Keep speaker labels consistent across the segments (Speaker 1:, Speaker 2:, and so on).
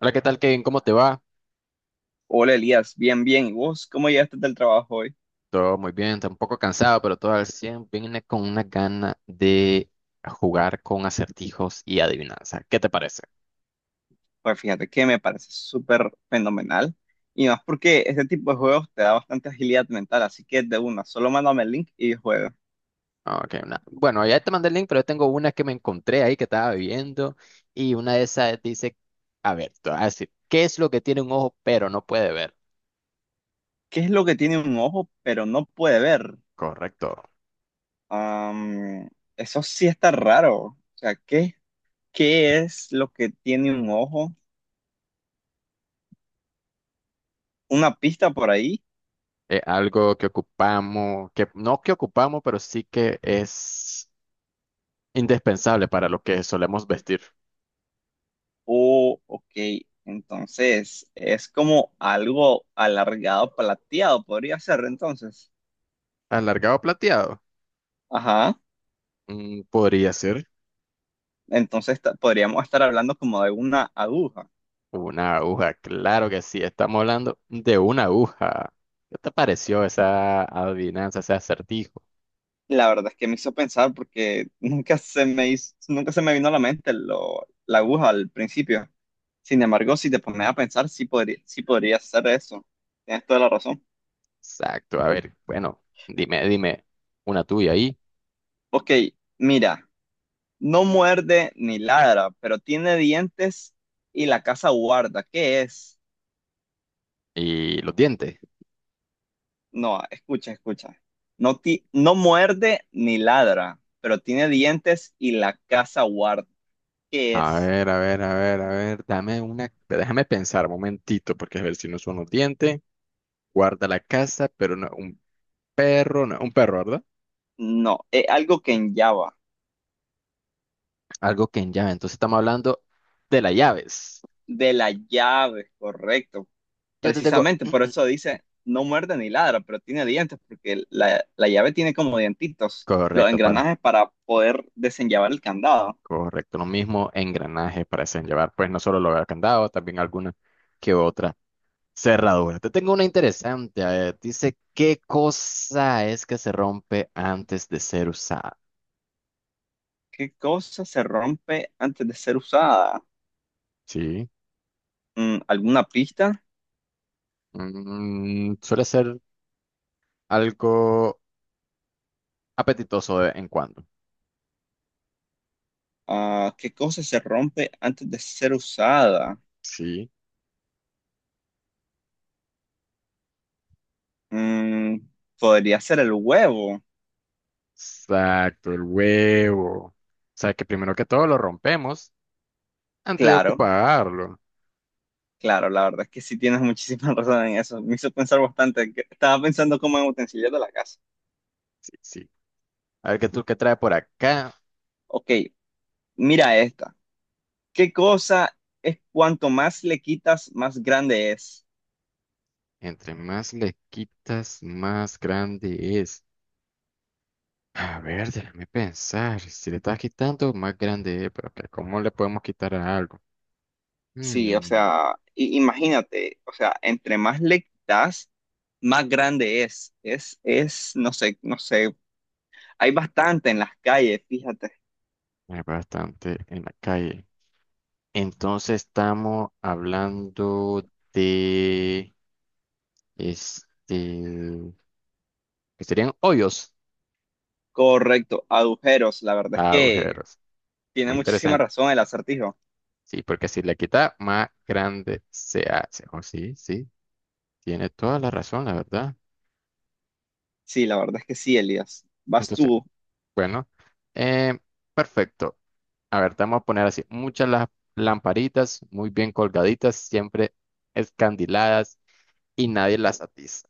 Speaker 1: Hola, ¿qué tal, Kevin? ¿Cómo te va?
Speaker 2: Hola Elías, bien, bien. ¿Y vos cómo llegaste del trabajo hoy?
Speaker 1: Todo muy bien, está un poco cansado, pero todo al 100. Viene con una gana de jugar con acertijos y adivinanza. ¿Qué te parece?
Speaker 2: Pues fíjate que me parece súper fenomenal. Y más porque este tipo de juegos te da bastante agilidad mental, así que de una, solo mándame el link y juega.
Speaker 1: Bueno, ya te mandé el link, pero yo tengo una que me encontré ahí que estaba viendo y una de esas dice, a ver, te voy a decir, ¿qué es lo que tiene un ojo pero no puede ver?
Speaker 2: ¿Qué es lo que tiene un ojo pero no puede ver?
Speaker 1: Correcto.
Speaker 2: Am, Eso sí está raro. O sea, ¿qué es lo que tiene un ojo? ¿Una pista por ahí?
Speaker 1: Es algo que ocupamos, que no que ocupamos, pero sí que es indispensable para lo que solemos vestir.
Speaker 2: Oh, ok. Entonces, es como algo alargado, plateado, podría ser entonces.
Speaker 1: ¿Alargado o plateado?
Speaker 2: Ajá.
Speaker 1: Mm, podría ser.
Speaker 2: Podríamos estar hablando como de una aguja.
Speaker 1: Una aguja, claro que sí, estamos hablando de una aguja. ¿Qué te pareció esa adivinanza, ese acertijo?
Speaker 2: La verdad es que me hizo pensar porque nunca se me vino a la mente la aguja al principio. Sin embargo, si te pones a pensar, sí podría ser eso. Tienes toda la razón.
Speaker 1: Exacto, a ver, bueno, dime una tuya ahí
Speaker 2: Ok, mira, no muerde ni ladra, pero tiene dientes y la casa guarda. ¿Qué es?
Speaker 1: y los dientes.
Speaker 2: No, escucha, escucha. No, no muerde ni ladra, pero tiene dientes y la casa guarda. ¿Qué
Speaker 1: A
Speaker 2: es?
Speaker 1: ver, a ver, dame una, déjame pensar un momentito, porque a ver si no son los dientes, guarda la casa, pero no, un perro, no, un perro, ¿verdad?
Speaker 2: No, es algo que en Java,
Speaker 1: Algo que en llave, entonces estamos hablando de las llaves.
Speaker 2: de la llave, correcto.
Speaker 1: Yo te tengo,
Speaker 2: Precisamente por eso dice, no muerde ni ladra, pero tiene dientes, porque la llave tiene como dientitos, los
Speaker 1: correcto, para
Speaker 2: engranajes para poder desenllavar el candado.
Speaker 1: correcto, lo mismo engranajes parecen llevar, pues no solo los candados, también alguna que otra cerradura. Te tengo una interesante, a ver, dice, ¿qué cosa es que se rompe antes de ser usada?
Speaker 2: ¿Qué cosa se rompe antes de ser usada?
Speaker 1: Sí,
Speaker 2: Mm, ¿alguna pista?
Speaker 1: mm, suele ser algo apetitoso de vez en cuando.
Speaker 2: Ah, ¿qué cosa se rompe antes de ser usada?
Speaker 1: Sí,
Speaker 2: Mm, podría ser el huevo,
Speaker 1: exacto, el huevo. O sea, que primero que todo lo rompemos antes de
Speaker 2: claro.
Speaker 1: ocuparlo.
Speaker 2: Claro, la verdad es que sí tienes muchísima razón en eso. Me hizo pensar bastante. Estaba pensando como en utensilios de la casa.
Speaker 1: Sí, sí. A ver, ¿qué tú qué trae por acá?
Speaker 2: Ok, mira esta. ¿Qué cosa es cuanto más le quitas, más grande es?
Speaker 1: Entre más le quitas, más grande es. A ver, déjame pensar. Si le estás quitando, más grande es. Pero que ¿cómo le podemos quitar a algo?
Speaker 2: Sí, o
Speaker 1: Hmm,
Speaker 2: sea, imagínate, o sea, entre más le quitas, más grande es. No sé, no sé. Hay bastante en las calles, fíjate.
Speaker 1: hay bastante en la calle. Entonces estamos hablando de este, que serían hoyos,
Speaker 2: Correcto, agujeros. La verdad es que
Speaker 1: agujeros.
Speaker 2: tiene
Speaker 1: Muy
Speaker 2: muchísima
Speaker 1: interesante.
Speaker 2: razón el acertijo.
Speaker 1: Sí, porque si le quita, más grande se hace. Oh, sí, sí, tiene toda la razón, la verdad.
Speaker 2: Sí, la verdad es que sí, Elías. Vas
Speaker 1: Entonces,
Speaker 2: tú.
Speaker 1: bueno, eh, perfecto. A ver, te vamos a poner así, muchas las lamparitas muy bien colgaditas, siempre escandiladas y nadie las atiza.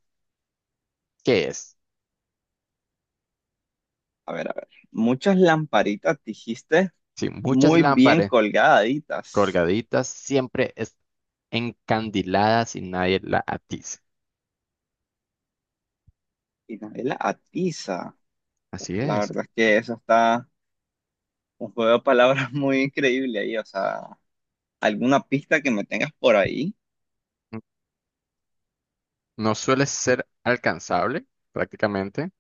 Speaker 1: ¿Qué es?
Speaker 2: A ver, a ver. Muchas lamparitas dijiste
Speaker 1: Sí, muchas
Speaker 2: muy bien
Speaker 1: lámparas
Speaker 2: colgaditas
Speaker 1: colgaditas, siempre es encandiladas y nadie la atiza.
Speaker 2: y nadie la atiza. Uf,
Speaker 1: Así
Speaker 2: la
Speaker 1: es.
Speaker 2: verdad es que eso está un juego de palabras muy increíble ahí. O sea, ¿alguna pista que me tengas por ahí?
Speaker 1: N- No suele ser alcanzable, prácticamente.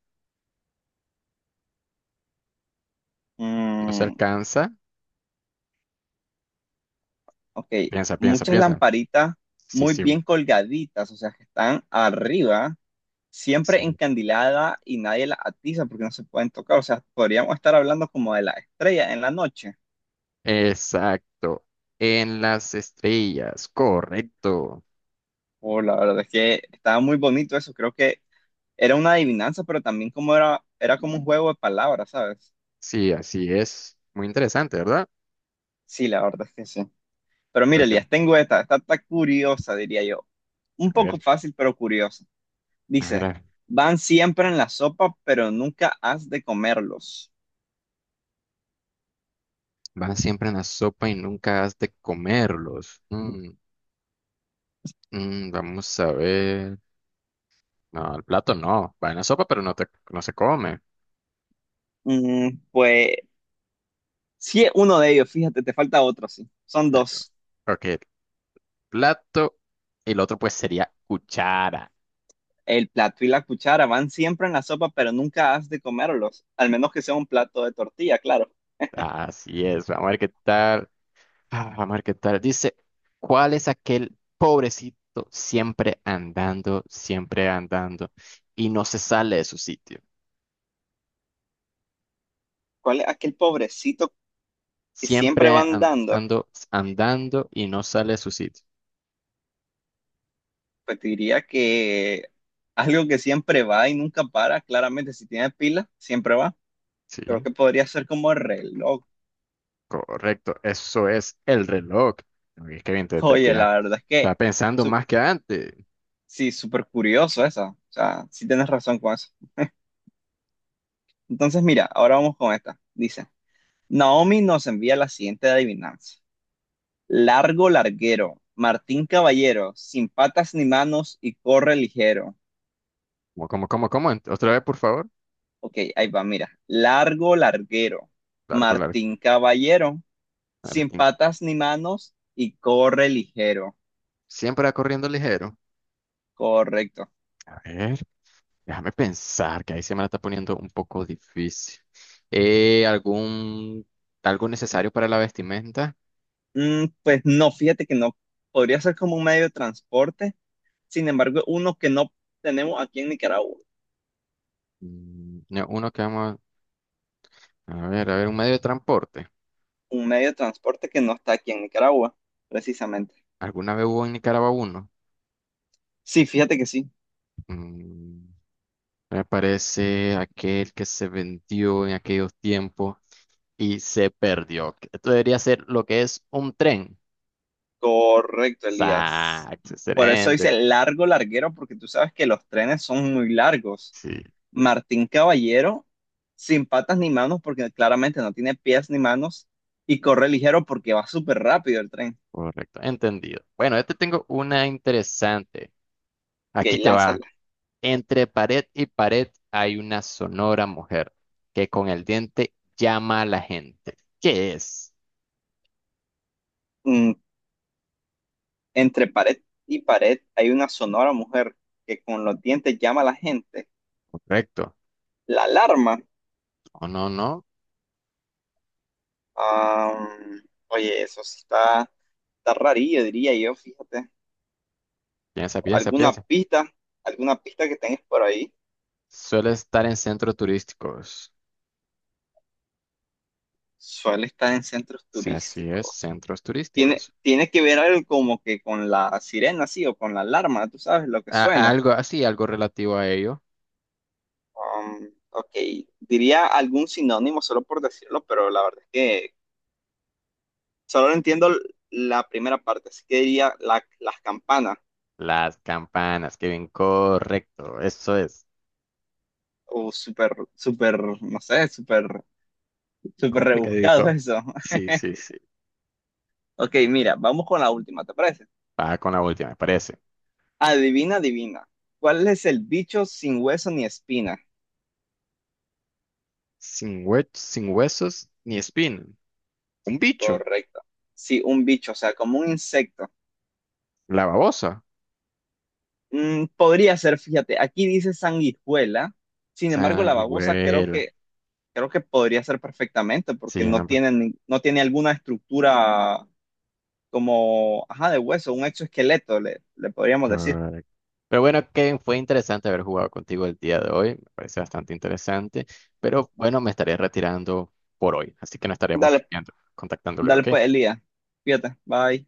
Speaker 1: No se
Speaker 2: Mm,
Speaker 1: alcanza.
Speaker 2: ok,
Speaker 1: Piensa, piensa,
Speaker 2: muchas
Speaker 1: piensa.
Speaker 2: lamparitas
Speaker 1: Sí,
Speaker 2: muy
Speaker 1: sí,
Speaker 2: bien colgaditas, o sea, que están arriba, siempre
Speaker 1: sí.
Speaker 2: encandiladas y nadie las atiza porque no se pueden tocar. O sea, podríamos estar hablando como de la estrella en la noche.
Speaker 1: Exacto. En las estrellas, correcto.
Speaker 2: Oh, la verdad es que estaba muy bonito eso. Creo que era una adivinanza, pero también como era, era como un juego de palabras, ¿sabes?
Speaker 1: Sí, así es. Muy interesante, ¿verdad?
Speaker 2: Sí, la verdad es que sí. Pero
Speaker 1: A
Speaker 2: mira,
Speaker 1: ver,
Speaker 2: Elías, tengo esta, esta está curiosa, diría yo. Un
Speaker 1: a
Speaker 2: poco
Speaker 1: ver,
Speaker 2: fácil, pero curiosa.
Speaker 1: a ver, a-
Speaker 2: Dice,
Speaker 1: ver.
Speaker 2: van siempre en la sopa, pero nunca has de comerlos.
Speaker 1: Van siempre en la sopa y nunca has de comerlos. Mm, vamos a ver. No, el plato no. Va en la sopa, pero no se come.
Speaker 2: Mm, pues sí es uno de ellos, fíjate, te falta otro, sí. Son
Speaker 1: Eh,
Speaker 2: dos.
Speaker 1: Ok, plato. Y el otro pues sería cuchara.
Speaker 2: El plato y la cuchara van siempre en la sopa, pero nunca has de comerlos. Al menos que sea un plato de tortilla, claro.
Speaker 1: Así es. Vamos a ver qué tal. Ah, vamos a ver qué tal. Dice, ¿cuál es aquel pobrecito siempre andando y no se sale de su sitio?
Speaker 2: ¿Cuál es aquel pobrecito que siempre
Speaker 1: Siempre
Speaker 2: van
Speaker 1: an-
Speaker 2: dando?
Speaker 1: ando andando y no sale a su sitio.
Speaker 2: Pues te diría que algo que siempre va y nunca para, claramente si tiene pila, siempre va.
Speaker 1: Sí,
Speaker 2: Creo que podría ser como el reloj.
Speaker 1: correcto. Eso es el reloj. Uy, qué bien
Speaker 2: Oye, la verdad es
Speaker 1: estaba
Speaker 2: que
Speaker 1: pensando
Speaker 2: su-
Speaker 1: más que antes.
Speaker 2: sí, súper curioso eso. O sea, sí tienes razón con eso. Entonces, mira, ahora vamos con esta. Dice, Naomi nos envía la siguiente adivinanza. Largo larguero, Martín Caballero, sin patas ni manos y corre ligero.
Speaker 1: ¿Cómo? Otra vez, por favor.
Speaker 2: Ok, ahí va, mira. Largo larguero,
Speaker 1: Largo, largo.
Speaker 2: Martín Caballero sin
Speaker 1: Largo.
Speaker 2: patas ni manos y corre ligero.
Speaker 1: Siempre va corriendo ligero.
Speaker 2: Correcto.
Speaker 1: A ver, déjame pensar, que ahí se me la está poniendo un poco difícil. Eh, ¿algún, algo necesario para la vestimenta?
Speaker 2: Mm, pues no, fíjate que no. Podría ser como un medio de transporte. Sin embargo, uno que no tenemos aquí en Nicaragua.
Speaker 1: Mm, no, uno que vamos a ver, un medio de transporte.
Speaker 2: Un medio de transporte que no está aquí en Nicaragua, precisamente.
Speaker 1: ¿Alguna vez hubo en Nicaragua uno?
Speaker 2: Sí, fíjate que sí.
Speaker 1: Mm, me parece aquel que se vendió en aquellos tiempos y se perdió. Esto debería ser lo que es un tren.
Speaker 2: Correcto, Elías.
Speaker 1: Exacto,
Speaker 2: Por eso
Speaker 1: excelente.
Speaker 2: dice largo, larguero, porque tú sabes que los trenes son muy largos.
Speaker 1: Sí,
Speaker 2: Martín Caballero, sin patas ni manos, porque claramente no tiene pies ni manos, y corre ligero porque va súper rápido el tren.
Speaker 1: correcto, entendido. Bueno, yo te tengo una interesante. Aquí
Speaker 2: Ok,
Speaker 1: te va.
Speaker 2: lánzala.
Speaker 1: Entre pared y pared hay una sonora mujer que con el diente llama a la gente. ¿Qué es?
Speaker 2: Mm, entre pared y pared hay una sonora mujer que con los dientes llama a la gente.
Speaker 1: Correcto.
Speaker 2: La alarma.
Speaker 1: No, no, no.
Speaker 2: Ah, oye, está rarillo, diría yo, fíjate.
Speaker 1: Piensa, piensa,
Speaker 2: ¿Alguna
Speaker 1: piensa.
Speaker 2: pista? ¿Alguna pista que tengas por ahí?
Speaker 1: Suele estar en centros turísticos.
Speaker 2: Suele estar en centros
Speaker 1: Sí, así es,
Speaker 2: turísticos.
Speaker 1: centros turísticos.
Speaker 2: Tiene que ver algo como que con la sirena, sí, o con la alarma, tú sabes lo que suena.
Speaker 1: Algo así, algo relativo a ello.
Speaker 2: Ok, diría algún sinónimo solo por decirlo, pero la verdad es que solo entiendo la primera parte, así que diría las campanas,
Speaker 1: Las campanas, que bien, correcto. Eso es
Speaker 2: o no sé, súper rebuscado
Speaker 1: complicadito.
Speaker 2: eso.
Speaker 1: Sí, sí, sí.
Speaker 2: Ok, mira, vamos con la última, ¿te parece?
Speaker 1: Va con la última, me parece.
Speaker 2: Adivina, adivina. ¿Cuál es el bicho sin hueso ni espina?
Speaker 1: Sin huesos ni espina. Un bicho.
Speaker 2: Correcto. Sí, un bicho, o sea, como un insecto.
Speaker 1: La babosa.
Speaker 2: Mm, podría ser, fíjate, aquí dice sanguijuela, sin embargo la babosa
Speaker 1: Sanguijuela.
Speaker 2: creo que podría ser perfectamente porque
Speaker 1: Sí,
Speaker 2: no
Speaker 1: ambas.
Speaker 2: tiene, no tiene alguna estructura como, ajá, de hueso, un exoesqueleto, le podríamos decir.
Speaker 1: Correcto. Pero bueno, Kevin, fue interesante haber jugado contigo el día de hoy. Me parece bastante interesante. Pero bueno, me estaré retirando por hoy. Así que nos estaremos
Speaker 2: Dale,
Speaker 1: viendo, contactando luego,
Speaker 2: dale
Speaker 1: ¿ok?
Speaker 2: pues, Elías, fíjate, bye.